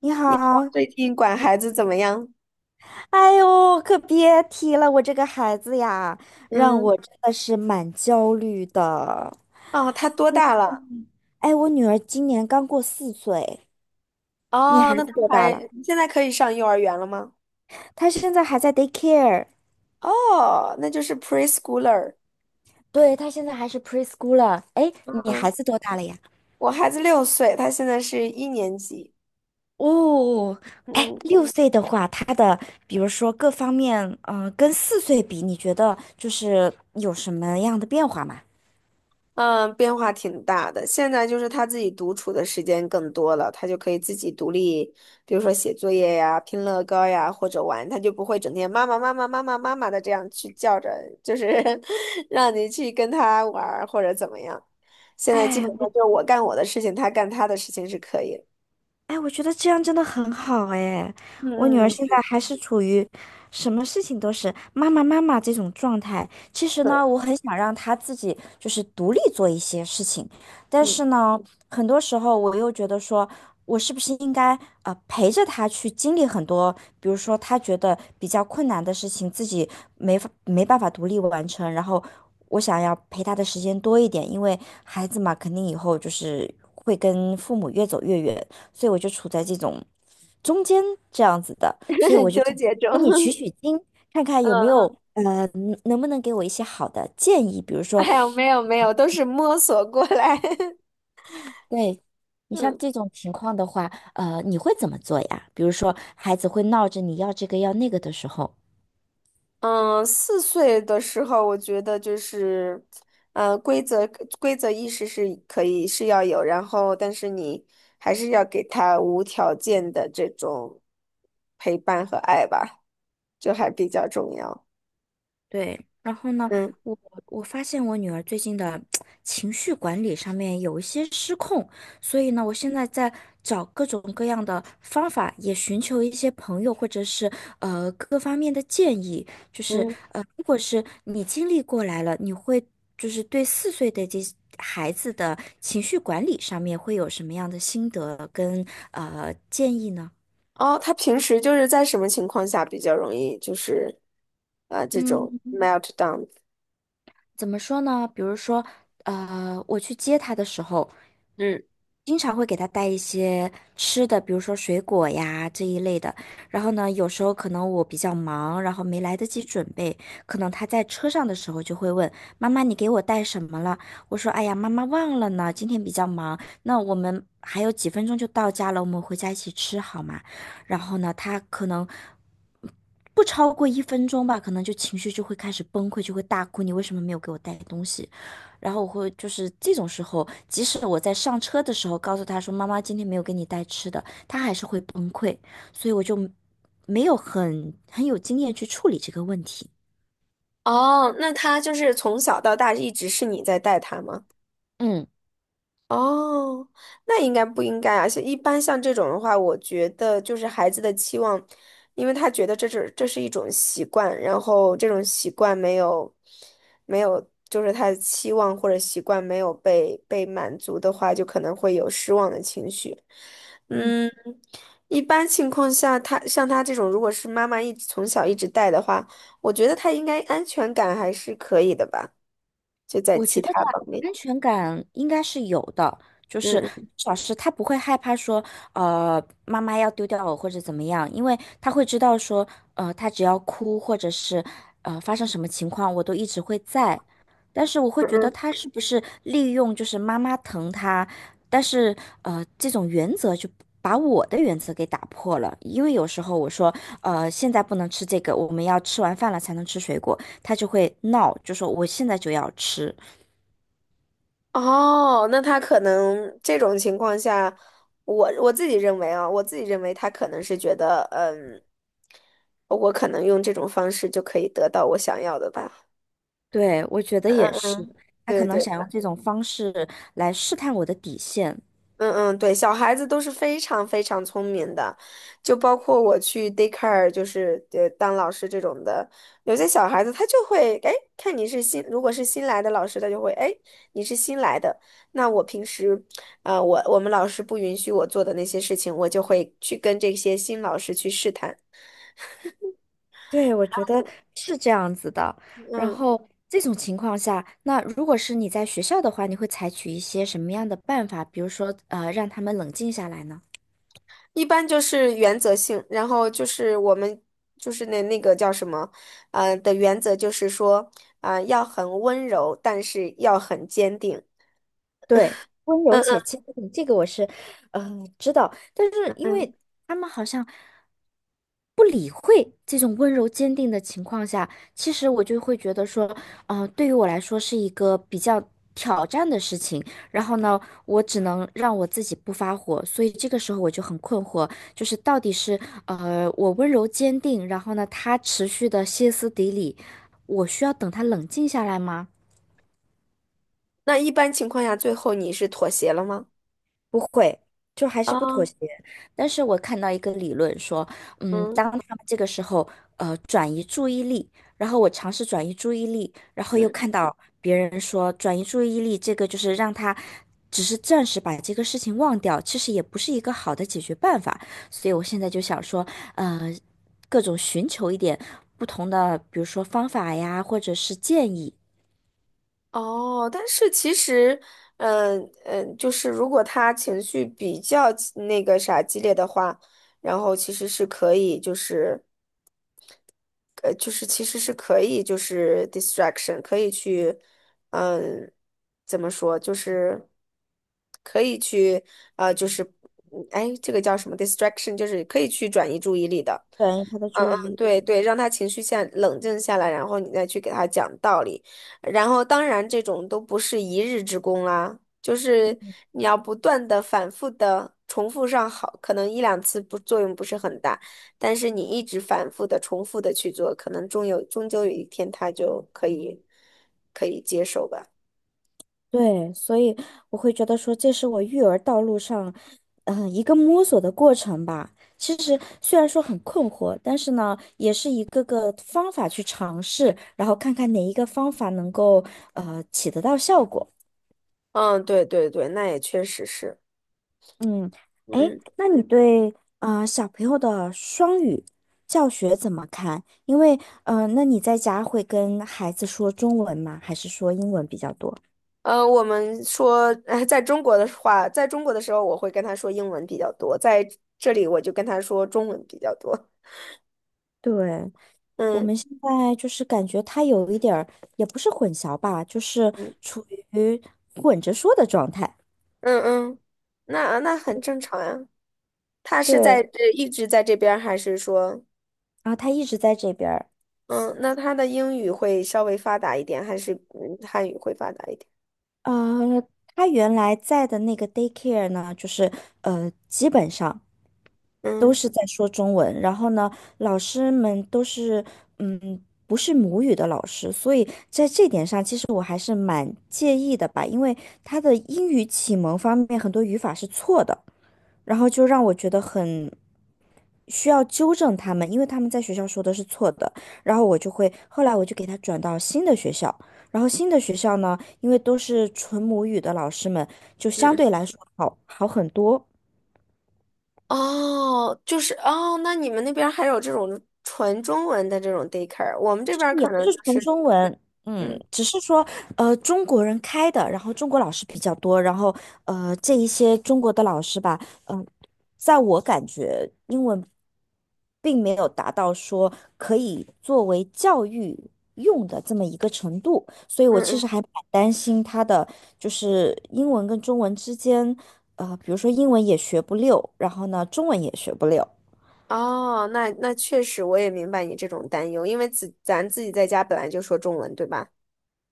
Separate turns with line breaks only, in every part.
你
你老公
好。
最近管
嗯。
孩子怎么样？
哎呦，可别提了，我这个孩子呀，让
嗯，
我真的是蛮焦虑的。
哦，他多大了？
嗯，哎，我女儿今年刚过四岁。你
哦，
孩
那
子
他
多大
还
了？
现在可以上幼儿园了吗？
她现在还在 daycare。
哦，那就是 preschooler。
对，她现在还是 preschool 了。r 哎，你孩
嗯，
子多大了呀？
我孩子六岁，他现在是一年级。
哦。哎，
嗯，
六岁的话，比如说各方面，跟四岁比，你觉得就是有什么样的变化吗？
嗯，变化挺大的。现在就是他自己独处的时间更多了，他就可以自己独立，比如说写作业呀、拼乐高呀，或者玩，他就不会整天妈妈妈妈妈妈妈妈的这样去叫着，就是 让你去跟他玩儿或者怎么样。现在基本
哎，我
上就是我干我的事情，他干他的事情是可以的。
哎，我觉得这样真的很好哎。我女儿
嗯嗯，
现在还是处于什么事情都是妈妈妈妈这种状态。其实
对，
呢，我很想让她自己就是独立做一些事情，但
嗯，
是呢，很多时候我又觉得说，我是不是应该陪着她去经历很多，比如说她觉得比较困难的事情，自己没办法独立完成，然后我想要陪她的时间多一点，因为孩子嘛，肯定以后就是会跟父母越走越远。所以我就处在这种中间这样子的，所以我 就
纠
想
结中，
跟你取 取经，看看
嗯
有没有
嗯，
能不能给我一些好的建议，比如
哎
说，
呀，没有没有，都是摸索过来。
对。你像
嗯。
这种情况的话，你会怎么做呀？比如说孩子会闹着你要这个要那个的时候。
嗯，四岁的时候，我觉得就是，呃，规则规则意识是可以是要有，然后但是你还是要给他无条件的这种陪伴和爱吧，就还比较重要。
对，然后呢，
嗯
我我发现我女儿最近的 情绪管理上面有一些失控。所以呢，我现在在找各种各样的方法，也寻求一些朋友或者是各方面的建议。就是
嗯，
如果是你经历过来了，你会就是对四岁的这孩子的情绪管理上面会有什么样的心得跟建议呢？
哦，他平时就是在什么情况下比较容易就是啊这种
嗯。
meltdown？
怎么说呢？比如说，我去接他的时候，
嗯，
经常会给他带一些吃的，比如说水果呀这一类的。然后呢，有时候可能我比较忙，然后没来得及准备，可能他在车上的时候就会问妈妈：“你给我带什么了？”我说：“哎呀，妈妈忘了呢，今天比较忙。那我们还有几分钟就到家了，我们回家一起吃好吗？”然后呢，他可能不超过一分钟吧，可能就情绪就会开始崩溃，就会大哭，你为什么没有给我带东西？然后我会就是这种时候，即使我在上车的时候告诉他说妈妈今天没有给你带吃的，他还是会崩溃，所以我就没有很有经验去处理这个问题。
哦，那他就是从小到大一直是你在带他吗？
嗯。
哦，那应该不应该啊？像一般像这种的话，我觉得就是孩子的期望，因为他觉得这是一种习惯，然后这种习惯没有，就是他的期望或者习惯没有被满足的话，就可能会有失望的情绪。嗯，一般情况下，他像他这种，如果是妈妈一直从小一直带的话，我觉得他应该安全感还是可以的吧，就在
我
其
觉得他
他方面。
安全感应该是有的，就是
嗯
至少是他不会害怕说，呃，妈妈要丢掉我或者怎么样，因为他会知道说，他只要哭或者是发生什么情况，我都一直会在。但是我会觉得
嗯。
他是不是利用就是妈妈疼他，但是这种原则就把我的原则给打破了，因为有时候我说，现在不能吃这个，我们要吃完饭了才能吃水果，他就会闹，就说我现在就要吃。
哦，那他可能这种情况下，我自己认为啊，我自己认为他可能是觉得，嗯，我可能用这种方式就可以得到我想要的吧。
对，我觉得也是，他可
对
能
对。
想用这种方式来试探我的底线。
嗯嗯，对，小孩子都是非常非常聪明的，就包括我去 daycare，就是当老师这种的，有些小孩子他就会，哎，看你是新，如果是新来的老师，他就会，哎，你是新来的，那我平时，我们老师不允许我做的那些事情，我就会去跟这些新老师去试探。
对，我觉得是这样子的。然
嗯。
后这种情况下，那如果是你在学校的话，你会采取一些什么样的办法？比如说，让他们冷静下来呢？
一般就是原则性，然后就是我们就是那个叫什么，的原则就是说，要很温柔，但是要很坚定。
对，温柔且
嗯
坚定，这个我是，知道。但是
嗯
因
嗯。
为他们好像。这种温柔坚定的情况下，其实我就会觉得说，对于我来说是一个比较挑战的事情。然后呢，我只能让我自己不发火，所以这个时候我就很困惑，就是到底是我温柔坚定，然后呢他持续的歇斯底里，我需要等他冷静下来吗？
那一般情况下，最后你是妥协了吗？
不会，就还是
啊，
不妥协。但是我看到一个理论说，嗯，
嗯
当他们这个时候转移注意力，然后我尝试转移注意力，然后又
嗯。
看到别人说转移注意力这个就是让他只是暂时把这个事情忘掉，其实也不是一个好的解决办法。所以我现在就想说，呃，各种寻求一点不同的，比如说方法呀，或者是建议，
哦，但是其实，嗯嗯，就是如果他情绪比较激那个啥激烈的话，然后其实是可以就是就是其实是可以，就是 distraction 可以去，嗯，怎么说，就是可以去，就是嗯哎，这个叫什么 distraction，就是可以去转移注意力的。
转移他的
嗯
注意
嗯，
力。
对对，让他情绪下冷静下来，然后你再去给他讲道理。然后当然这种都不是一日之功啦，就是你要不断的反复的重复上好，可能一两次不作用不是很大。但是你一直反复的、重复的去做，可能终究有一天他就可以接受吧。
对，所以我会觉得说，这是我育儿道路上，一个摸索的过程吧。其实虽然说很困惑，但是呢，也是一个个方法去尝试，然后看看哪一个方法能够起得到效果。
嗯，对对对，那也确实是。
嗯。哎，
嗯，
那你对小朋友的双语教学怎么看？因为那你在家会跟孩子说中文吗？还是说英文比较多？
我们说，在中国的话，在中国的时候，我会跟他说英文比较多，在这里我就跟他说中文比较多。
对，我
嗯
们现在就是感觉他有一点儿，也不是混淆吧，就是
嗯
处于混着说的状态。
嗯嗯，那很正常呀。他是
对，
一直在这边儿还是说，
然后他一直在这边儿。
嗯，那他的英语会稍微发达一点，还是嗯汉语会发达一点？
呃，他原来在的那个 daycare 呢，就是基本上
嗯。
都
嗯
是在说中文，然后呢，老师们都是嗯，不是母语的老师，所以在这点上，其实我还是蛮介意的吧，因为他的英语启蒙方面很多语法是错的，然后就让我觉得很。需要纠正他们，因为他们在学校说的是错的。然后我就会，后来我就给他转到新的学校。然后新的学校呢，因为都是纯母语的老师们，就相
嗯
对来说好很多。
哦，就是哦，那你们那边儿还有这种纯中文的这种 daycare，我们这边儿
也
可
不
能就
是纯
是，
中文，
嗯
只是说中国人开的，然后中国老师比较多，然后这一些中国的老师吧，嗯、在我感觉英文并没有达到说可以作为教育用的这么一个程度，所以
嗯
我其
嗯，
实还蛮担心他的就是英文跟中文之间，比如说英文也学不溜，然后呢中文也学不溜。
哦，那确实我也明白你这种担忧，因为咱自己在家本来就说中文，对吧？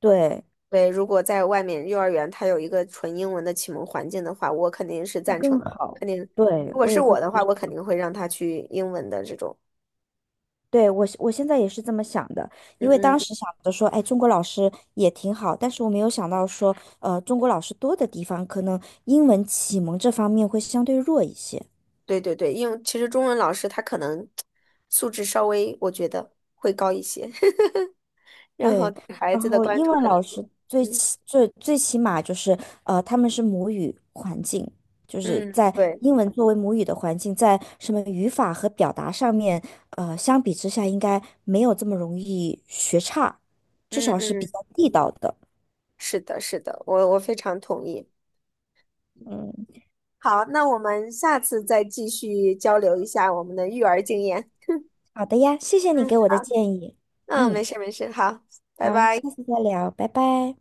对，
对，如果在外面幼儿园它有一个纯英文的启蒙环境的话，我肯定是
会
赞成
更
的，我
好。
肯定，如
对，
果
我
是
也会。
我的话，我肯定会让他去英文的这种，
对，我现在也是这么想的，因
嗯
为当
嗯，
时想着说，哎，中国老师也挺好，但是我没有想到说，中国老师多的地方，可能英文启蒙这方面会相对弱一些。
对对对，因为其实中文老师他可能素质稍微，我觉得会高一些。然后
对，
对孩
然
子的
后
关
英
注
文
可能
老
更
师最
嗯
起最最起码就是，他们是母语环境，就是
嗯，
在
对，
英文作为母语的环境，在什么语法和表达上面，相比之下应该没有这么容易学差，至
嗯
少是比
嗯，
较地道的。
是的，是的，我非常同意。
嗯。
好，那我们下次再继续交流一下我们的育儿经验。
好的呀，谢谢你
嗯，
给我的
好，
建议。
嗯，
嗯，
没事没事，好，拜
好，
拜。
下次再聊，拜拜。